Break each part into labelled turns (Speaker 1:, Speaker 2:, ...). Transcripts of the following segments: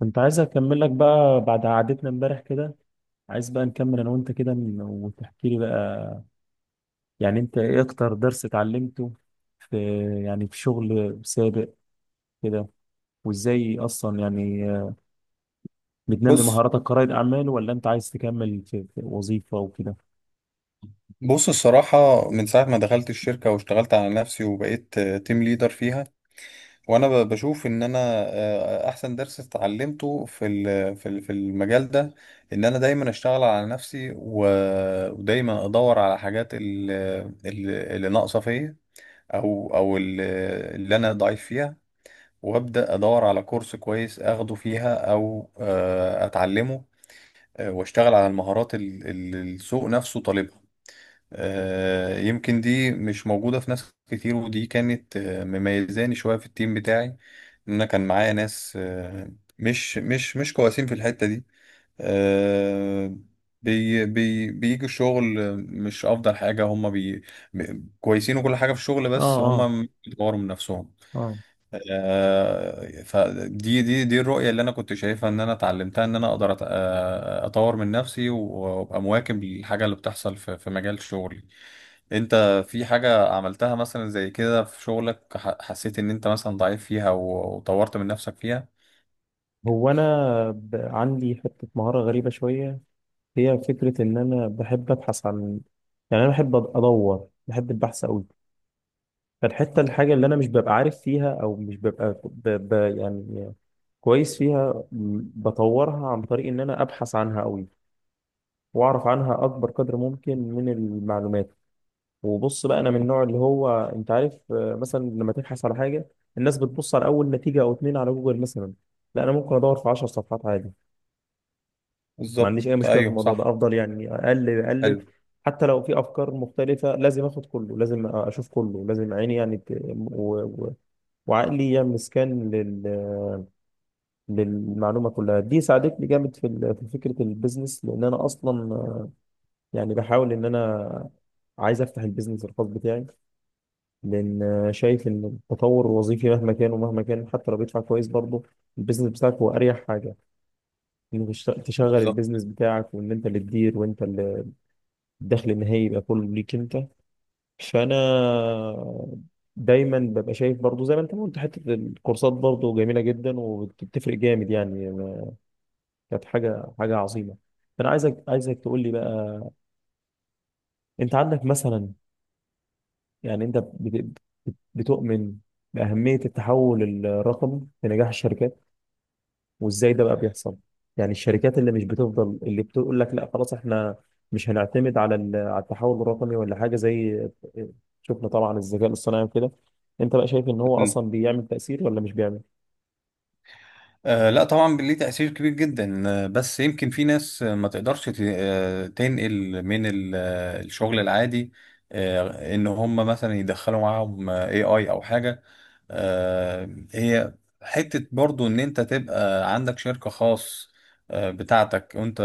Speaker 1: كنت عايز اكمل لك بقى بعد قعدتنا امبارح كده. عايز بقى نكمل انا وانت كده وتحكي لي بقى، يعني انت ايه اكتر درس اتعلمته في يعني في شغل سابق كده؟ وازاي اصلا يعني بتنمي
Speaker 2: بص
Speaker 1: مهاراتك كرائد اعمال ولا انت عايز تكمل في وظيفة وكده؟
Speaker 2: بص الصراحة، من ساعة ما دخلت الشركة واشتغلت على نفسي وبقيت تيم ليدر فيها وأنا بشوف إن أنا أحسن درس اتعلمته في المجال ده إن أنا دايما أشتغل على نفسي ودايما أدور على حاجات اللي ناقصة فيا، أو اللي أنا ضعيف فيها، وأبدأ أدور على كورس كويس أخده فيها أو أتعلمه. وأشتغل على المهارات اللي السوق نفسه طالبها. يمكن دي مش موجودة في ناس كتير، ودي كانت مميزاني شوية في التيم بتاعي. إن أنا كان معايا ناس مش كويسين في الحتة دي، آه، بي بي بيجوا الشغل، مش أفضل حاجة. هما كويسين وكل حاجة في الشغل،
Speaker 1: اه.
Speaker 2: بس
Speaker 1: اه.
Speaker 2: هما بيطوروا من نفسهم.
Speaker 1: اه.
Speaker 2: فدي دي دي الرؤية اللي انا كنت شايفها، ان انا اتعلمتها ان انا اقدر اطور من نفسي وابقى مواكب للحاجة اللي بتحصل في مجال شغلي. انت في حاجة عملتها مثلا زي كده في شغلك، حسيت ان انت مثلا ضعيف فيها وطورت من نفسك فيها؟
Speaker 1: هو انا عندي حتة مهارة غريبة شوية، هي فكرة ان انا بحب ابحث عن، يعني انا بحب ادور، بحب البحث قوي. فالحتة، الحاجة اللي أنا مش ببقى عارف فيها أو مش ببقى يعني كويس فيها، بطورها عن طريق إن أنا أبحث عنها أوي، وأعرف عنها أكبر قدر ممكن من المعلومات. وبص بقى، أنا من النوع اللي هو، أنت عارف، مثلا لما تبحث على حاجة، الناس بتبص على أول نتيجة أو اتنين على جوجل مثلا. لا، أنا ممكن أدور في 10 صفحات عادي، ما
Speaker 2: بالظبط،
Speaker 1: عنديش أي مشكلة في
Speaker 2: ايوه
Speaker 1: الموضوع ده،
Speaker 2: صح.
Speaker 1: أفضل يعني أقلب أقلب.
Speaker 2: حلو.
Speaker 1: حتى لو في أفكار مختلفة، لازم آخد كله، لازم أشوف كله، لازم عيني يعني و... وعقلي يا مسكان للمعلومه كلها. دي ساعدتني جامد في في فكره البيزنس، لان انا اصلا يعني بحاول ان انا عايز افتح البيزنس الخاص بتاعي، لان شايف ان التطور الوظيفي مهما كان ومهما كان، حتى لو بيدفع كويس، برضه البيزنس بتاعك هو اريح حاجه، انك تشغل
Speaker 2: بالظبط.
Speaker 1: البيزنس بتاعك، وان انت اللي تدير، وانت اللي الدخل النهائي يبقى كله ليك انت. فانا دايما ببقى شايف، برضو زي ما انت ما قلت، حته الكورسات برضو جميله جدا، وبتفرق جامد يعني، كانت حاجه عظيمه. فانا عايزك تقول لي بقى، انت عندك مثلا، يعني انت بتؤمن باهميه التحول الرقمي في نجاح الشركات، وازاي ده بقى بيحصل؟ يعني الشركات اللي مش بتفضل، اللي بتقول لك لا خلاص احنا مش هنعتمد على على التحول الرقمي ولا حاجه زي، شفنا طبعا الذكاء الاصطناعي وكده، انت بقى شايف ان هو اصلا بيعمل تاثير ولا مش بيعمل؟
Speaker 2: آه لا طبعا، ليه تأثير كبير جدا. بس يمكن في ناس ما تقدرش تنقل من الشغل العادي، ان هم مثلا يدخلوا معاهم اي اي او حاجة. هي حتة برضو، إن أنت تبقى عندك شركة خاص بتاعتك وأنت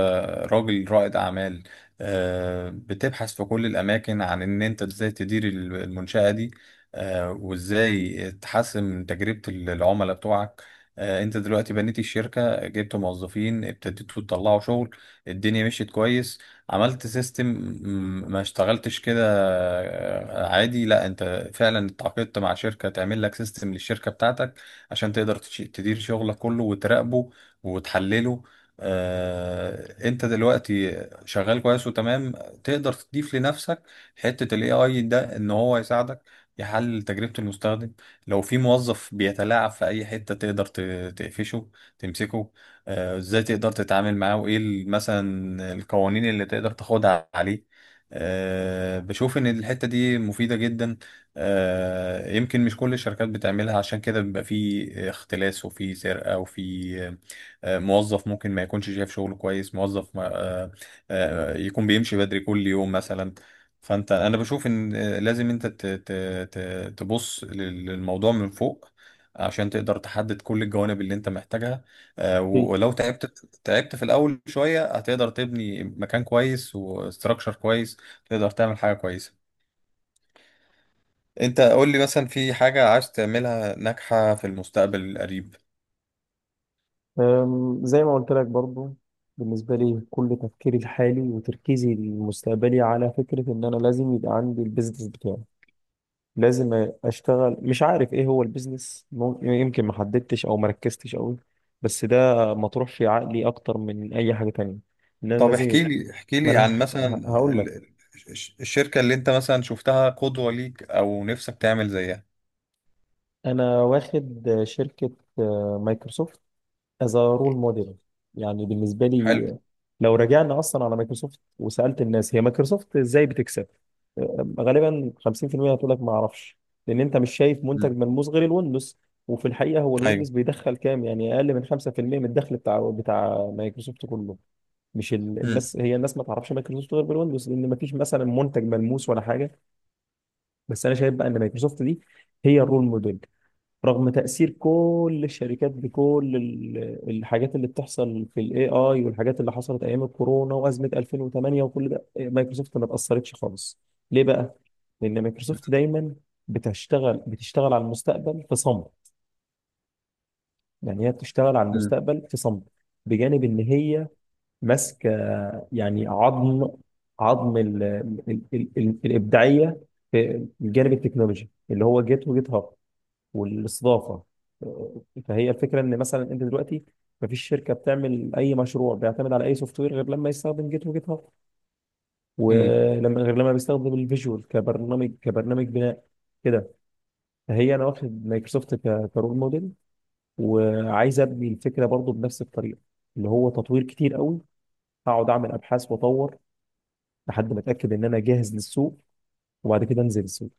Speaker 2: راجل رائد أعمال، بتبحث في كل الأماكن عن إن أنت إزاي تدير المنشأة دي، وإزاي تحسن من تجربة العملاء بتوعك. أنت دلوقتي بنيت الشركة، جبت موظفين، ابتديتوا تطلعوا شغل، الدنيا مشيت كويس، عملت سيستم. ما اشتغلتش كده؟ عادي، لا انت فعلا اتعاقدت مع شركة تعمل لك سيستم للشركة بتاعتك عشان تقدر تدير شغلك كله وتراقبه وتحلله. انت دلوقتي شغال كويس وتمام، تقدر تضيف لنفسك حتة الاي اي ده، ان هو يساعدك يحلل تجربة المستخدم. لو في موظف بيتلاعب في اي حتة، تقدر تقفشه، تمسكه. ازاي تقدر تتعامل معاه، وايه مثلا القوانين اللي تقدر تاخدها عليه. بشوف ان الحتة دي مفيدة جدا. يمكن مش كل الشركات بتعملها، عشان كده بيبقى في اختلاس وفي سرقة وفي موظف ممكن ما يكونش شايف شغله كويس، موظف ما- آه، آه، يكون بيمشي بدري كل يوم مثلا. فانت، انا بشوف ان لازم انت تبص للموضوع من فوق عشان تقدر تحدد كل الجوانب اللي انت محتاجها.
Speaker 1: في.
Speaker 2: ولو تعبت في الاول شويه، هتقدر تبني مكان كويس وستراكشر كويس، تقدر تعمل حاجه كويسه. انت قول لي مثلا، في حاجه عايز تعملها ناجحه في المستقبل القريب؟
Speaker 1: زي ما قلت لك برضو، بالنسبة لي كل تفكيري الحالي وتركيزي المستقبلي على فكرة إن أنا لازم يبقى عندي البيزنس بتاعي. لازم اشتغل، مش عارف ايه هو البيزنس، يمكن ما حددتش او ما ركزتش قوي، بس ده مطروح في عقلي اكتر من اي حاجه تانية، ان انا
Speaker 2: طب
Speaker 1: لازم.
Speaker 2: احكي لي احكي
Speaker 1: ما
Speaker 2: لي عن
Speaker 1: انا
Speaker 2: مثلا
Speaker 1: هقول لك،
Speaker 2: الشركه اللي انت مثلا شفتها قدوه ليك او نفسك تعمل زيها.
Speaker 1: انا واخد شركه مايكروسوفت as a role model، يعني بالنسبه
Speaker 2: حلو.
Speaker 1: لي. لو رجعنا اصلا على مايكروسوفت، وسالت الناس هي مايكروسوفت ازاي بتكسب، غالبا 50% هتقول لك ما اعرفش، لان انت مش شايف منتج
Speaker 2: مم.
Speaker 1: ملموس غير الويندوز. وفي الحقيقه هو
Speaker 2: ايوه.
Speaker 1: الويندوز بيدخل كام، يعني اقل من 5% من الدخل بتاع مايكروسوفت كله. مش ال...
Speaker 2: مم.
Speaker 1: الناس، هي الناس ما تعرفش مايكروسوفت غير بالويندوز، لان ما فيش مثلا منتج ملموس ولا حاجه. بس انا شايف بقى ان مايكروسوفت دي هي الرول موديل، رغم تأثير كل الشركات بكل الحاجات اللي بتحصل في الاي اي، والحاجات اللي حصلت ايام الكورونا وازمة 2008، وكل ده مايكروسوفت ما اتأثرتش خالص. ليه بقى؟ لان مايكروسوفت دايما بتشتغل على المستقبل في صمت، يعني هي بتشتغل على
Speaker 2: مم.
Speaker 1: المستقبل في صمت، بجانب ان هي ماسكه، يعني عظم ال ال ال ال الابداعيه في الجانب التكنولوجي، اللي هو جيت وجيت هاب والاستضافه. فهي الفكره ان مثلا انت دلوقتي مفيش شركه بتعمل اي مشروع بيعتمد على اي سوفت وير غير لما يستخدم جيت وجيت هاب،
Speaker 2: مم.
Speaker 1: ولما غير لما بيستخدم الفيجوال كبرنامج بناء كده. فهي انا واخد مايكروسوفت كرول موديل، وعايز ابني الفكره برضو بنفس الطريقه، اللي هو تطوير كتير قوي، هقعد اعمل ابحاث واطور لحد ما اتاكد ان انا جاهز للسوق، وبعد كده انزل السوق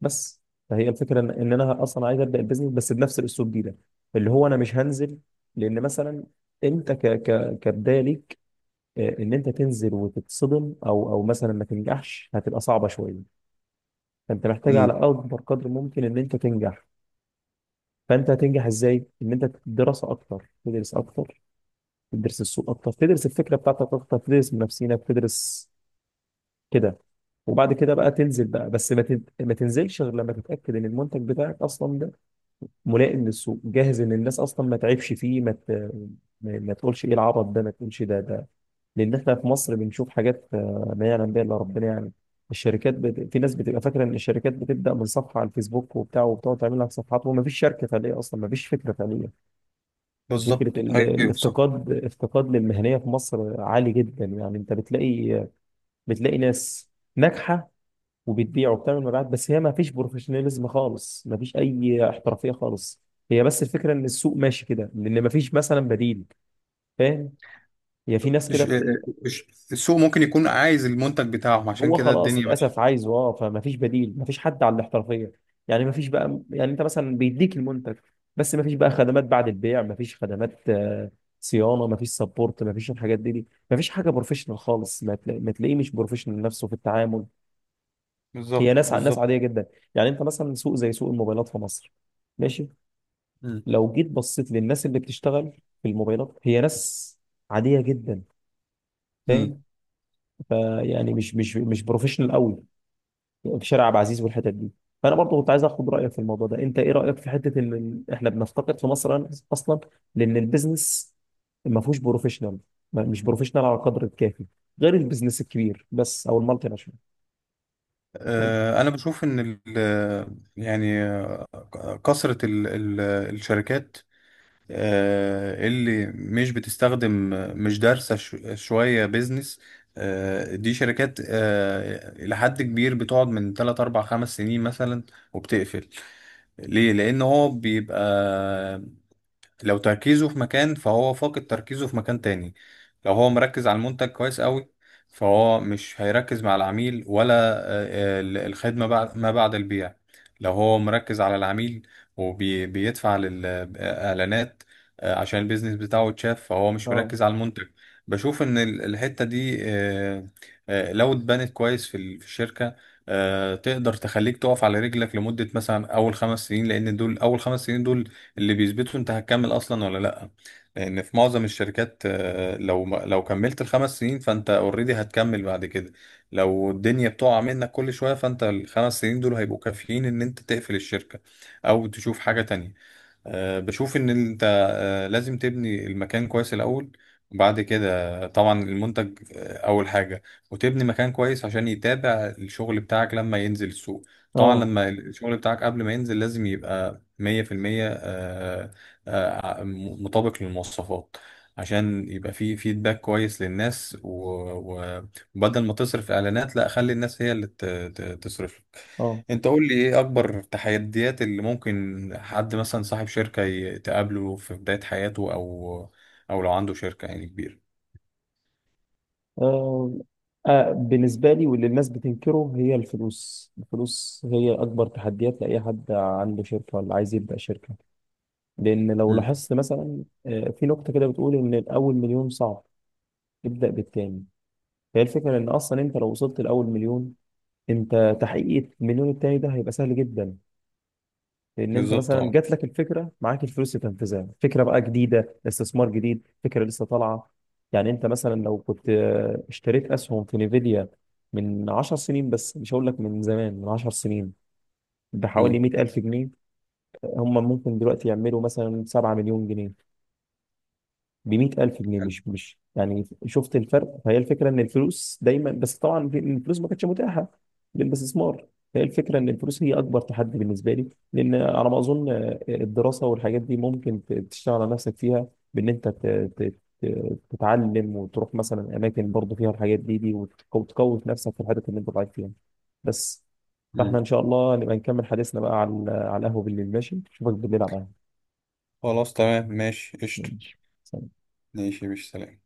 Speaker 1: بس. فهي الفكره ان انا اصلا عايز ابدا البيزنس، بس بنفس الاسلوب ده، اللي هو انا مش هنزل. لان مثلا انت ك ك كبدايه ليك، ان انت تنزل وتتصدم، او مثلا ما تنجحش، هتبقى صعبه شويه. فانت محتاج على
Speaker 2: مم.
Speaker 1: اكبر قدر ممكن ان انت تنجح. فانت هتنجح ازاي؟ ان انت دراسه اكتر، تدرس اكتر، تدرس السوق اكتر، تدرس الفكره بتاعتك اكتر، تدرس منافسينك، تدرس كده. وبعد كده بقى تنزل بقى، بس ما تنزلش غير لما تتاكد ان المنتج بتاعك اصلا ملائم للسوق، جاهز، ان الناس اصلا ما تعبش فيه، ما تقولش ايه العبط ده، ما تقولش ده. لان احنا في مصر بنشوف حاجات ما يعلم بها الا ربنا يعني. الشركات في ناس بتبقى فاكره ان الشركات بتبدا من صفحه على الفيسبوك وبتاع، وبتقعد تعمل لك صفحات، وما فيش شركه فعليه اصلا، ما فيش فكره فعليه. فكره
Speaker 2: بالظبط، ايوه صح.
Speaker 1: الافتقاد، افتقاد للمهنيه في مصر عالي جدا، يعني انت بتلاقي ناس ناجحه، وبتبيع وبتعمل مبيعات، بس هي ما فيش بروفيشناليزم خالص، ما فيش اي احترافيه خالص. هي بس الفكره ان السوق ماشي كده لان ما فيش مثلا بديل. فاهم؟ هي في ناس كده
Speaker 2: الش- السوق ممكن يكون عايز المنتج بتاعهم، عشان
Speaker 1: هو
Speaker 2: كده
Speaker 1: خلاص
Speaker 2: الدنيا ماشيه.
Speaker 1: للاسف عايزه اه، فما فيش بديل، ما فيش حد على الاحترافيه. يعني ما فيش بقى، يعني انت مثلا بيديك المنتج، بس ما فيش بقى خدمات بعد البيع، ما فيش خدمات صيانه، ما فيش سبورت، ما فيش الحاجات دي. ما فيش حاجه بروفيشنال خالص، ما تلاقيه مش بروفيشنال نفسه في التعامل. هي
Speaker 2: بالظبط،
Speaker 1: ناس ناس
Speaker 2: بالظبط.
Speaker 1: عاديه جدا. يعني انت مثلا سوق زي سوق الموبايلات في مصر ماشي.
Speaker 2: مم.
Speaker 1: لو جيت بصيت للناس اللي بتشتغل في الموبايلات، هي ناس عادية جدا.
Speaker 2: مم.
Speaker 1: فاهم؟ فيعني مش بروفيشنال قوي في شارع عبد العزيز والحتت دي. فانا برضه كنت عايز اخد رايك في الموضوع ده. انت ايه رايك في حته ان احنا بنفتقد في مصر اصلا، لان البيزنس ما فيهوش بروفيشنال، مش بروفيشنال على القدر الكافي، غير البيزنس الكبير بس او المالتي ناشونال. فاهم؟
Speaker 2: انا بشوف ان يعني كثرة الشركات اللي مش بتستخدم، مش دارسة شوية بيزنس، دي شركات إلى حد كبير بتقعد من 3 4 5 سنين مثلا وبتقفل. ليه؟ لأن هو بيبقى لو تركيزه في مكان، فهو فاقد تركيزه في مكان تاني. لو هو مركز على المنتج كويس قوي، فهو مش هيركز مع العميل ولا آه، آه، الخدمة بعد ما بعد البيع. لو هو مركز على العميل وبيدفع للإعلانات عشان البيزنس بتاعه يتشاف، فهو مش
Speaker 1: اه.
Speaker 2: مركز على المنتج. بشوف إن الحتة دي لو اتبنت كويس في الشركة، تقدر تخليك تقف على رجلك لمدة مثلا أول خمس سنين، لأن دول أول خمس سنين دول اللي بيثبتوا انت هتكمل اصلا ولا لا. لان في معظم الشركات، لو ما- لو كملت الخمس سنين فانت اوريدي هتكمل بعد كده. لو الدنيا بتقع منك كل شوية، فانت الخمس سنين دول هيبقوا كافيين ان انت تقفل الشركة او تشوف حاجة تانية. بشوف ان انت لازم تبني المكان كويس الاول، وبعد كده طبعا المنتج اول حاجه، وتبني مكان كويس عشان يتابع الشغل بتاعك لما ينزل السوق. طبعا
Speaker 1: اه.
Speaker 2: لما الشغل بتاعك قبل ما ينزل لازم يبقى 100%، آه، مطابق للمواصفات، عشان يبقى فيه فيدباك كويس للناس وبدل ما تصرف اعلانات، لا، خلي الناس هي اللي تصرف.
Speaker 1: اه.
Speaker 2: انت قول لي، ايه اكبر تحديات اللي ممكن حد مثلا صاحب شركة تقابله في بداية حياته، او او لو عنده شركة يعني كبيرة؟
Speaker 1: آه. بالنسبة لي، واللي الناس بتنكره هي الفلوس. الفلوس هي أكبر تحديات لأي حد عنده شركة ولا عايز يبدأ شركة. لأن لو
Speaker 2: امم.
Speaker 1: لاحظت مثلا، في نقطة كده بتقول إن الأول مليون صعب، ابدأ بالتاني. فهي الفكرة إن أصلا أنت لو وصلت لأول مليون، أنت تحقيق المليون التاني ده هيبقى سهل جدا، لان انت
Speaker 2: بالظبط.
Speaker 1: مثلا
Speaker 2: اه.
Speaker 1: جات لك الفكره، معاك الفلوس تنفذها، فكره بقى جديده، استثمار جديد، فكره لسه طالعه. يعني انت مثلا لو كنت اشتريت اسهم في نيفيديا من 10 سنين، بس مش هقول لك من زمان، من 10 سنين، بحوالي
Speaker 2: امم.
Speaker 1: 100,000 جنيه، هم ممكن دلوقتي يعملوا مثلا 7 مليون جنيه. بمية ألف جنيه، مش يعني، شفت الفرق؟ فهي الفكرة إن الفلوس دايما، بس طبعا الفلوس ما كانتش متاحة للاستثمار. هي الفكرة إن الفلوس هي أكبر تحدي بالنسبة لي، لأن على ما أظن، الدراسة والحاجات دي ممكن تشتغل على نفسك فيها، بإن أنت ت- تتعلم، وتروح مثلا أماكن برضه فيها الحاجات دي، وتقوي في نفسك في الحاجات اللي أنت ضعيف فيها بس. فإحنا إن
Speaker 2: امم.
Speaker 1: شاء الله نبقى نكمل حديثنا بقى على القهوة بالليل، ماشي، أشوفك بالليل على القهوة.
Speaker 2: خلاص تمام، ماشي، قشطة.
Speaker 1: ماشي. سلام.
Speaker 2: ماشي، مش سلام.